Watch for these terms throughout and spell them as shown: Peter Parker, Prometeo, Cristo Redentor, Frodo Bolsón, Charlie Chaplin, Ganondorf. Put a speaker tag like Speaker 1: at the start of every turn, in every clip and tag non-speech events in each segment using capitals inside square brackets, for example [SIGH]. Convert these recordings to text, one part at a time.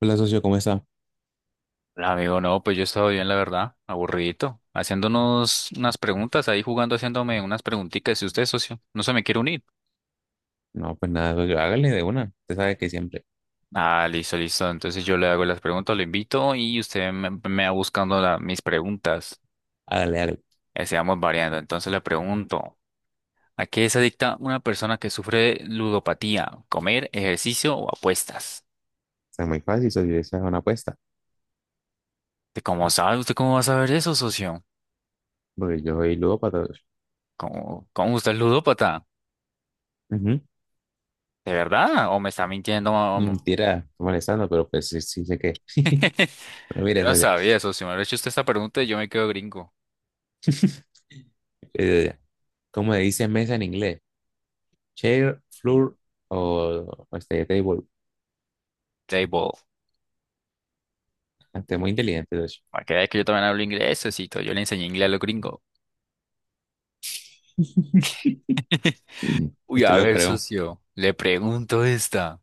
Speaker 1: Hola, socio, ¿cómo está?
Speaker 2: Amigo, no, pues yo he estado bien, la verdad, aburridito, haciéndonos unas preguntas, ahí jugando, haciéndome unas preguntitas. Si usted, socio, no se me quiere unir.
Speaker 1: No, pues nada, socio, hágale de una. Usted sabe que siempre,
Speaker 2: Ah, listo, listo. Entonces yo le hago las preguntas, lo invito y usted me va buscando mis preguntas.
Speaker 1: hágale, hágale. O
Speaker 2: Así vamos variando. Entonces le pregunto, ¿a qué se adicta una persona que sufre ludopatía? ¿Comer, ejercicio o apuestas?
Speaker 1: muy fácil, socio, esa es una apuesta.
Speaker 2: ¿De ¿Cómo sabe? ¿Usted cómo va a saber eso, socio?
Speaker 1: Porque yo soy ludópata, socio.
Speaker 2: ¿Cómo usted es ludópata?
Speaker 1: Ujú.
Speaker 2: ¿De verdad? ¿O me está mintiendo?
Speaker 1: Mentira, estoy molestando, pero pues sí, sí sé que. [LAUGHS] Pero
Speaker 2: [LAUGHS] Yo
Speaker 1: mire,
Speaker 2: no
Speaker 1: socio,
Speaker 2: sabía eso. Si me hubiera hecho usted esta pregunta, yo me quedo gringo.
Speaker 1: eh, ¿cómo le dice mesa en inglés? Chair, floor o este table.
Speaker 2: Table.
Speaker 1: Ah, usted es muy inteligente, socio.
Speaker 2: Para que vea que yo también hablo inglés, socito. Yo le enseñé inglés a los gringos.
Speaker 1: [LAUGHS]
Speaker 2: [LAUGHS] Uy,
Speaker 1: Usted
Speaker 2: a
Speaker 1: lo
Speaker 2: ver,
Speaker 1: creo.
Speaker 2: socio. Le pregunto esta.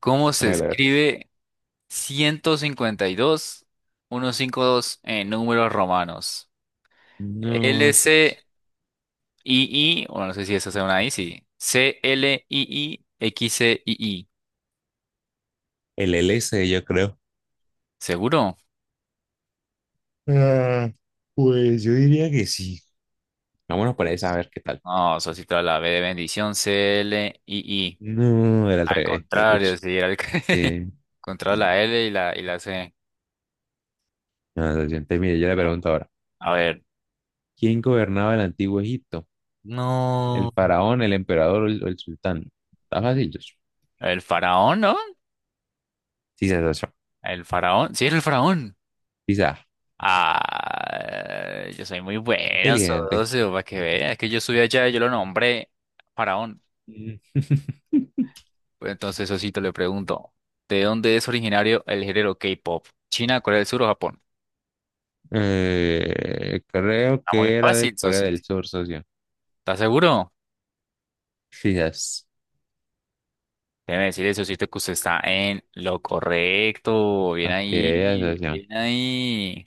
Speaker 2: ¿Cómo se
Speaker 1: Hágale, a ver.
Speaker 2: escribe 152, dos en números romanos? L
Speaker 1: No,
Speaker 2: C
Speaker 1: socio.
Speaker 2: I I, bueno, no sé si eso sea una I, sí. C L I, I X C I I.
Speaker 1: El L S yo creo.
Speaker 2: ¿Seguro?
Speaker 1: Ah, pues yo diría que sí. Vámonos por esa, a ver qué tal.
Speaker 2: No, socito, la B de bendición, C L I I.
Speaker 1: No, era al
Speaker 2: Al
Speaker 1: revés, güey, pucha.
Speaker 2: contrario, sí, era el [LAUGHS]
Speaker 1: Sí.
Speaker 2: contra la L y la C.
Speaker 1: No, se siente, mire, yo le
Speaker 2: No.
Speaker 1: pregunto ahora,
Speaker 2: A ver.
Speaker 1: ¿quién gobernaba el antiguo Egipto? ¿El
Speaker 2: No.
Speaker 1: faraón, el emperador o el sultán? Está fácil, yo.
Speaker 2: El faraón, ¿no?
Speaker 1: Sí, se asoció.
Speaker 2: El faraón. Sí, era el faraón.
Speaker 1: Quizá.
Speaker 2: Ah, yo soy muy bueno,
Speaker 1: Inteligente.
Speaker 2: socio, para que veas. Es que yo subí allá y yo lo nombré faraón.
Speaker 1: Mm. [LAUGHS]
Speaker 2: Pues entonces, Sosito, le pregunto, ¿de dónde es originario el género K-pop? ¿China, Corea del Sur o Japón?
Speaker 1: Creo
Speaker 2: Está muy
Speaker 1: que era de
Speaker 2: fácil,
Speaker 1: Corea
Speaker 2: Sosito.
Speaker 1: del Sur, socio.
Speaker 2: ¿Estás seguro?
Speaker 1: Quizás.
Speaker 2: Déjeme decirle, Sosito, que usted está en lo correcto. Bien
Speaker 1: Pa' que veas,
Speaker 2: ahí,
Speaker 1: socio.
Speaker 2: bien ahí.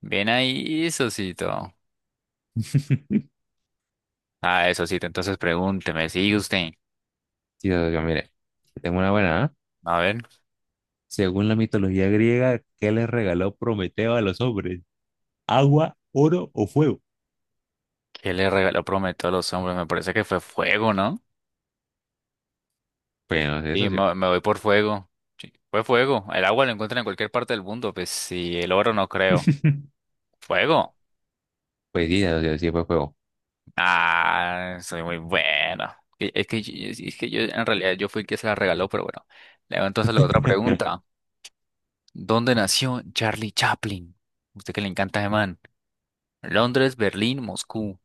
Speaker 2: Bien ahí, Sosito.
Speaker 1: [LAUGHS]
Speaker 2: Ah, Sosito, entonces pregúnteme, sigue usted.
Speaker 1: Sí, socio, mire. Tengo una buena, ¿ah?
Speaker 2: A ver,
Speaker 1: Según la mitología griega, ¿qué les regaló Prometeo a los hombres? ¿Agua, oro o fuego?
Speaker 2: ¿qué le regaló Prometeo a los hombres? Me parece que fue fuego, ¿no?
Speaker 1: Pues no sé,
Speaker 2: Sí,
Speaker 1: socio.
Speaker 2: me voy por fuego. Sí, fue fuego. El agua lo encuentran en cualquier parte del mundo, pues sí, el oro no creo.
Speaker 1: [LAUGHS]
Speaker 2: ¿Fuego?
Speaker 1: Pues sí, socio, sí fue juego.
Speaker 2: Ah, soy muy bueno. Es que yo, en realidad, yo fui el que se la regaló, pero bueno. Le hago entonces
Speaker 1: [LAUGHS]
Speaker 2: la otra pregunta. ¿Dónde nació Charlie Chaplin? Usted que le encanta, ese man. Londres, Berlín, Moscú.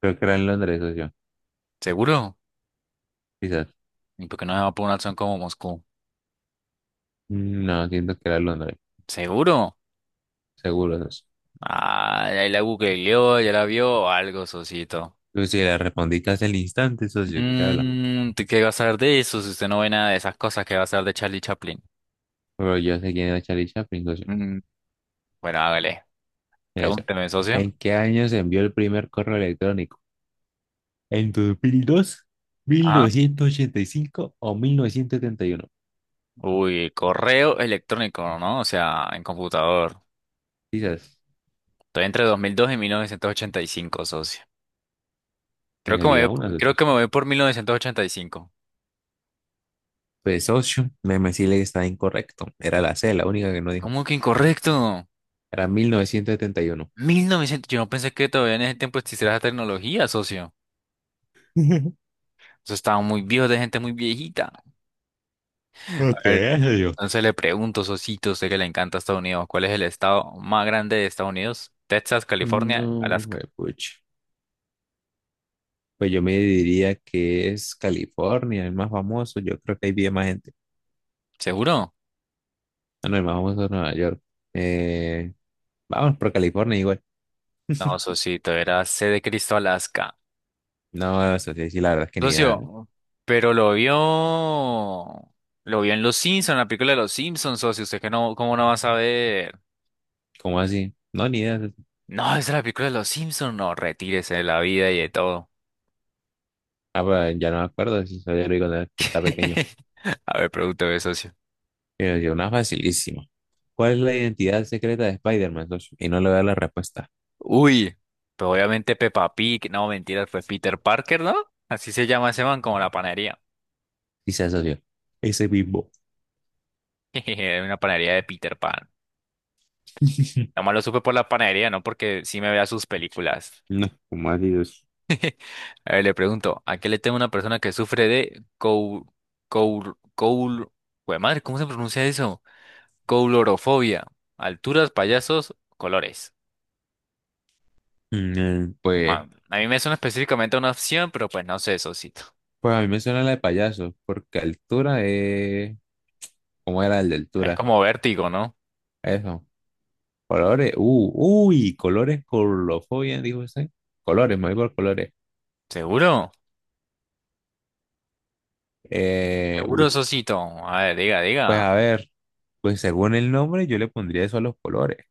Speaker 1: Creo que era en Londres, socio.
Speaker 2: ¿Seguro?
Speaker 1: Quizás.
Speaker 2: ¿Y por qué no se va por una opción como Moscú?
Speaker 1: Mm, no, siento que era en Londres.
Speaker 2: ¿Seguro?
Speaker 1: Seguro, socio.
Speaker 2: Ah, ahí la googleó, ya la vio, algo, socito.
Speaker 1: Yo sí le respondí casi al instante, socio. ¿Qué habla?
Speaker 2: Mmm, ¿qué va a saber de eso si usted no ve nada de esas cosas que va a saber de Charlie Chaplin?
Speaker 1: Pero yo sé quién era Charlie Chaplin, socio.
Speaker 2: Mm, bueno, hágale.
Speaker 1: Mira, socio.
Speaker 2: Pregúnteme, socio.
Speaker 1: ¿En qué año se envió el primer correo electrónico? ¿En dos mil dos, mil
Speaker 2: Ajá.
Speaker 1: novecientos ochenta y cinco o 1971?
Speaker 2: Uy, correo electrónico, ¿no? O sea, en computador.
Speaker 1: Quizás.
Speaker 2: Estoy entre 2002 y 1985, socio. Creo
Speaker 1: Pues
Speaker 2: que me
Speaker 1: elija una,
Speaker 2: voy, creo
Speaker 1: socio.
Speaker 2: que me voy por 1985.
Speaker 1: Pues, socio, me sí le está incorrecto. Era la C, la única que no dijo.
Speaker 2: ¿Cómo que incorrecto?
Speaker 1: Era 1971.
Speaker 2: 1900, yo no pensé que todavía en ese tiempo existiera esa tecnología, socio.
Speaker 1: [LAUGHS]
Speaker 2: Eso estaba muy viejo, de gente muy viejita.
Speaker 1: Qué,
Speaker 2: A
Speaker 1: ok,
Speaker 2: ver,
Speaker 1: yo.
Speaker 2: entonces le pregunto, Sosito, sé que le encanta Estados Unidos. ¿Cuál es el estado más grande de Estados Unidos? Texas, California,
Speaker 1: No,
Speaker 2: Alaska.
Speaker 1: pucha. Pues yo me diría que es California, el más famoso. Yo creo que ahí vive más gente.
Speaker 2: ¿Seguro?
Speaker 1: Ah, no, el más famoso es Nueva York. Eh, Vamos por California igual.
Speaker 2: No, Sosito, era C de Cristo, Alaska.
Speaker 1: No, eso sí, sí, la verdad es que ni idea.
Speaker 2: Socio, pero lo vio. Lo vio en Los Simpsons, en la película de Los Simpsons, socio. ¿Usted que no, cómo no va a saber?
Speaker 1: ¿Cómo así? No, ni idea.
Speaker 2: No, es de la película de Los Simpsons. No, retírese de la vida y de todo.
Speaker 1: Ah, pues, ya no me acuerdo si eso ya lo digo cuando estaba pequeño.
Speaker 2: [LAUGHS] A ver, pregúntame, socio.
Speaker 1: Pero yo, una facilísima. ¿Cuál es la identidad secreta de Spider-Man, socio? Y no le voy a dar la respuesta.
Speaker 2: Uy, pero obviamente Peppa Pig, no, mentiras, fue Peter Parker, ¿no? Así se llama ese man, como la panadería.
Speaker 1: Dice socio. Ese Bimbo.
Speaker 2: [LAUGHS] Era una panadería de Peter Pan.
Speaker 1: [LAUGHS]
Speaker 2: Nomás lo supe por la panadería, no porque sí me vea sus películas.
Speaker 1: No, ¿cómo así, socio?
Speaker 2: A ver, le pregunto, ¿a qué le teme una persona que sufre de cou... Jue madre, ¿cómo se pronuncia eso? Coulorofobia. Alturas, payasos, colores.
Speaker 1: Mm, pues.
Speaker 2: Man, a mí me suena específicamente a una opción, pero pues no sé, Sosito.
Speaker 1: Pues a mí me suena la de payaso, porque altura es... ¿Cómo era el de
Speaker 2: Es
Speaker 1: altura?
Speaker 2: como vértigo, ¿no?
Speaker 1: Eso. Colores. Uy, colores, colofobia, dijo ese, colores, me voy por colores.
Speaker 2: ¿Seguro?
Speaker 1: Eh,
Speaker 2: Seguro,
Speaker 1: uy,
Speaker 2: Sosito. A ver, diga,
Speaker 1: pues
Speaker 2: diga.
Speaker 1: a ver, pues según el nombre yo le pondría eso a los colores.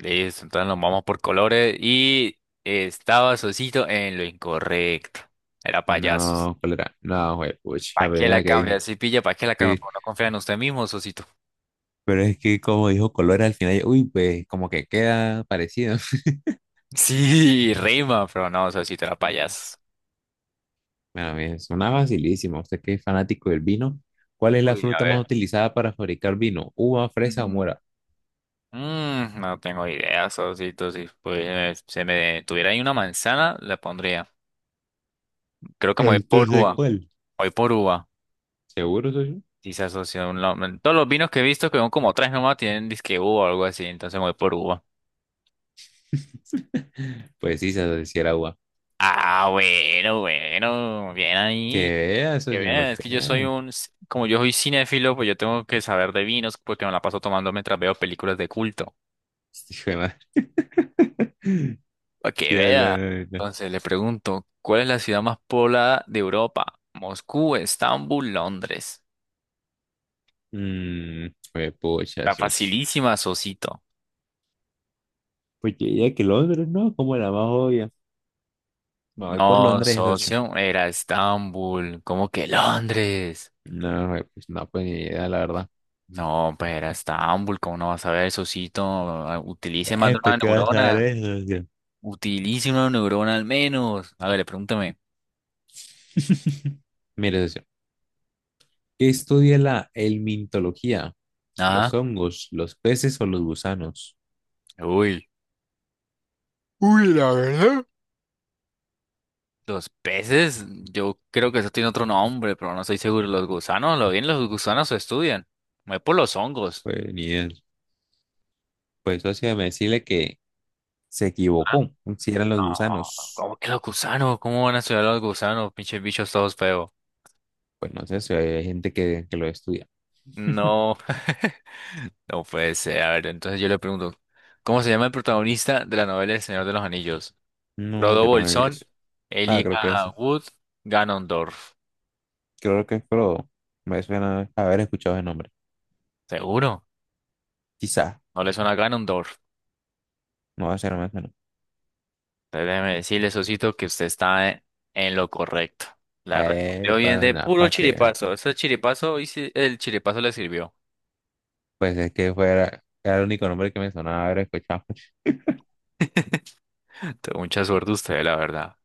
Speaker 2: Listo, entonces nos vamos por colores. Y estaba Sosito en lo incorrecto. Era payasos.
Speaker 1: No, ¿cuál era? No, güey, puch,
Speaker 2: ¿Para
Speaker 1: la
Speaker 2: qué la
Speaker 1: primera que
Speaker 2: cambia?
Speaker 1: dije.
Speaker 2: Si pilla, ¿para qué la cambia?
Speaker 1: Sí,
Speaker 2: Por no confiar en usted mismo, Sosito. [LAUGHS]
Speaker 1: pero es que como dijo colores al final, uy, pues como que queda parecido.
Speaker 2: Sí, rima, pero no, Sosito era
Speaker 1: [LAUGHS]
Speaker 2: payasos.
Speaker 1: Bueno, bien, suena facilísimo. Usted que es fanático del vino, ¿cuál es la
Speaker 2: Uy, a
Speaker 1: fruta más
Speaker 2: ver.
Speaker 1: utilizada para fabricar vino? ¿Uva, fresa o
Speaker 2: Mm,
Speaker 1: mora?
Speaker 2: mm, no tengo idea, Sosito. Si pues, se me tuviera ahí una manzana, la pondría. Creo que me voy por
Speaker 1: Entonces,
Speaker 2: uva.
Speaker 1: ¿cuál?
Speaker 2: Voy por uva.
Speaker 1: ¿Seguro, socio?
Speaker 2: Sí, se asocia a un lado. Todos los vinos que he visto, que son como tres nomás, tienen disque uva o algo así, entonces me voy por uva.
Speaker 1: [LAUGHS] Pues sí, se si era uva.
Speaker 2: Ah, bueno, bueno, bien
Speaker 1: Que
Speaker 2: ahí.
Speaker 1: vea,
Speaker 2: Que
Speaker 1: socio,
Speaker 2: bien,
Speaker 1: para
Speaker 2: es
Speaker 1: que
Speaker 2: que yo soy
Speaker 1: vea.
Speaker 2: como yo soy cinéfilo, pues yo tengo que saber de vinos porque me la paso tomando mientras veo películas de culto.
Speaker 1: Hijo de madre. [LAUGHS]
Speaker 2: Para que
Speaker 1: Sí, habla.
Speaker 2: vea.
Speaker 1: habla.
Speaker 2: Entonces le pregunto, ¿cuál es la ciudad más poblada de Europa? Moscú, Estambul, Londres.
Speaker 1: Mm, pues, pucha,
Speaker 2: Está
Speaker 1: socio.
Speaker 2: facilísima, socito.
Speaker 1: Pues yo diría que Londres, ¿no? Como la más obvia. Me voy por
Speaker 2: No, ah, no,
Speaker 1: Londres, socio.
Speaker 2: socio, era Estambul. ¿Cómo que Londres?
Speaker 1: No, güey, pues no, pues ni idea, la verdad.
Speaker 2: No, pues era Estambul, ¿cómo no vas a ver, Sosito? Ah, utilice más de una
Speaker 1: ¿Esto ¿qué vas a ver
Speaker 2: neurona.
Speaker 1: eso, tío?
Speaker 2: Utilice una neurona al menos. A ver, pregúntame.
Speaker 1: [LAUGHS] Mire, socio, ¿qué estudia la helmintología?
Speaker 2: ¿Ah?
Speaker 1: ¿Los hongos, los peces o los gusanos?
Speaker 2: Uy. Uy, la verdad. Los peces, yo creo que eso tiene otro nombre, pero no estoy seguro. Los gusanos, lo bien, los gusanos se estudian. Me voy por los hongos.
Speaker 1: Pues ni idea. Pues socio, me decirle que se
Speaker 2: ¿Ah?
Speaker 1: equivocó. Si eran los
Speaker 2: No,
Speaker 1: gusanos.
Speaker 2: ¿cómo que los gusanos? ¿Cómo van a estudiar los gusanos? Pinches bichos todos feos.
Speaker 1: Pues no sé si hay gente que lo estudia. [LAUGHS]
Speaker 2: No. [LAUGHS] No puede ser. A ver, entonces yo le pregunto, ¿cómo se llama el protagonista de la novela El Señor de los Anillos?
Speaker 1: No,
Speaker 2: Frodo
Speaker 1: yo no me vi
Speaker 2: Bolsón,
Speaker 1: eso. Ah, creo que
Speaker 2: Elijah
Speaker 1: eso.
Speaker 2: Wood, Ganondorf.
Speaker 1: Creo que pero Me suena haber escuchado ese nombre.
Speaker 2: ¿Seguro?
Speaker 1: Quizá.
Speaker 2: ¿No le suena a Ganondorf?
Speaker 1: No va a ser más o menos.
Speaker 2: Entonces, déjeme decirle, Sosito, que usted en lo correcto. La respondió bien
Speaker 1: Para
Speaker 2: de
Speaker 1: nada,
Speaker 2: puro
Speaker 1: para que.
Speaker 2: chiripazo. Ese chiripazo, y sí, el chiripazo le sirvió.
Speaker 1: Pues es que fuera. Era el único nombre que me sonaba haber escuchado. [LAUGHS]
Speaker 2: Entonces, mucha suerte usted, la verdad.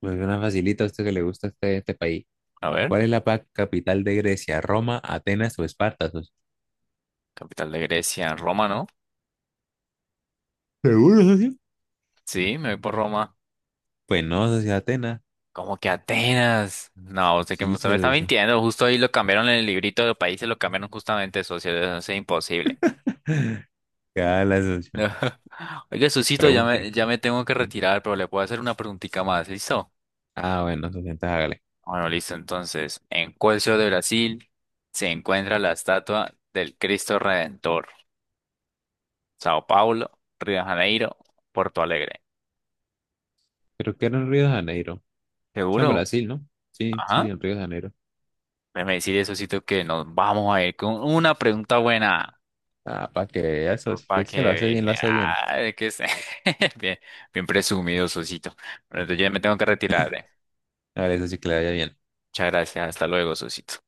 Speaker 1: Pues una facilita a usted que le gusta este, este país.
Speaker 2: A ver,
Speaker 1: ¿Cuál es la capital de Grecia? ¿Roma, Atenas o Esparta, socio?
Speaker 2: capital de Grecia, Roma, ¿no?
Speaker 1: ¿Seguro, socio?
Speaker 2: Sí, me voy por Roma.
Speaker 1: Pues no, socio, Atenas.
Speaker 2: Como que Atenas. No,
Speaker 1: Sí,
Speaker 2: usted me está
Speaker 1: socio.
Speaker 2: mintiendo. Justo ahí lo cambiaron en el librito de los países, lo cambiaron justamente socio. Eso es imposible.
Speaker 1: Ya la socio.
Speaker 2: [LAUGHS] Oiga, Susito, ya
Speaker 1: Pregunte.
Speaker 2: me, ya me tengo que retirar, pero le puedo hacer una preguntita más, ¿listo?
Speaker 1: Ah, bueno, socio, entonces hágale.
Speaker 2: Bueno, listo. Entonces, ¿en cuál ciudad de Brasil se encuentra la estatua del Cristo Redentor? Sao Paulo, Río de Janeiro, Porto Alegre.
Speaker 1: Creo que era en Río de Janeiro. Eso en
Speaker 2: ¿Seguro?
Speaker 1: Brasil, ¿no? Sí, sí,
Speaker 2: Ajá.
Speaker 1: en Río de Janeiro.
Speaker 2: Déjeme decirle, Susito, que nos vamos a ir con una pregunta buena.
Speaker 1: Ah, para que eso, si
Speaker 2: Para
Speaker 1: es que lo hace
Speaker 2: que
Speaker 1: bien, lo hace bien.
Speaker 2: vea, que es [LAUGHS] bien, bien presumido, Sosito. Bueno, entonces yo ya me tengo que retirar, eh.
Speaker 1: Hágale, socio, que le vaya bien.
Speaker 2: Muchas gracias. Hasta luego, Sosito.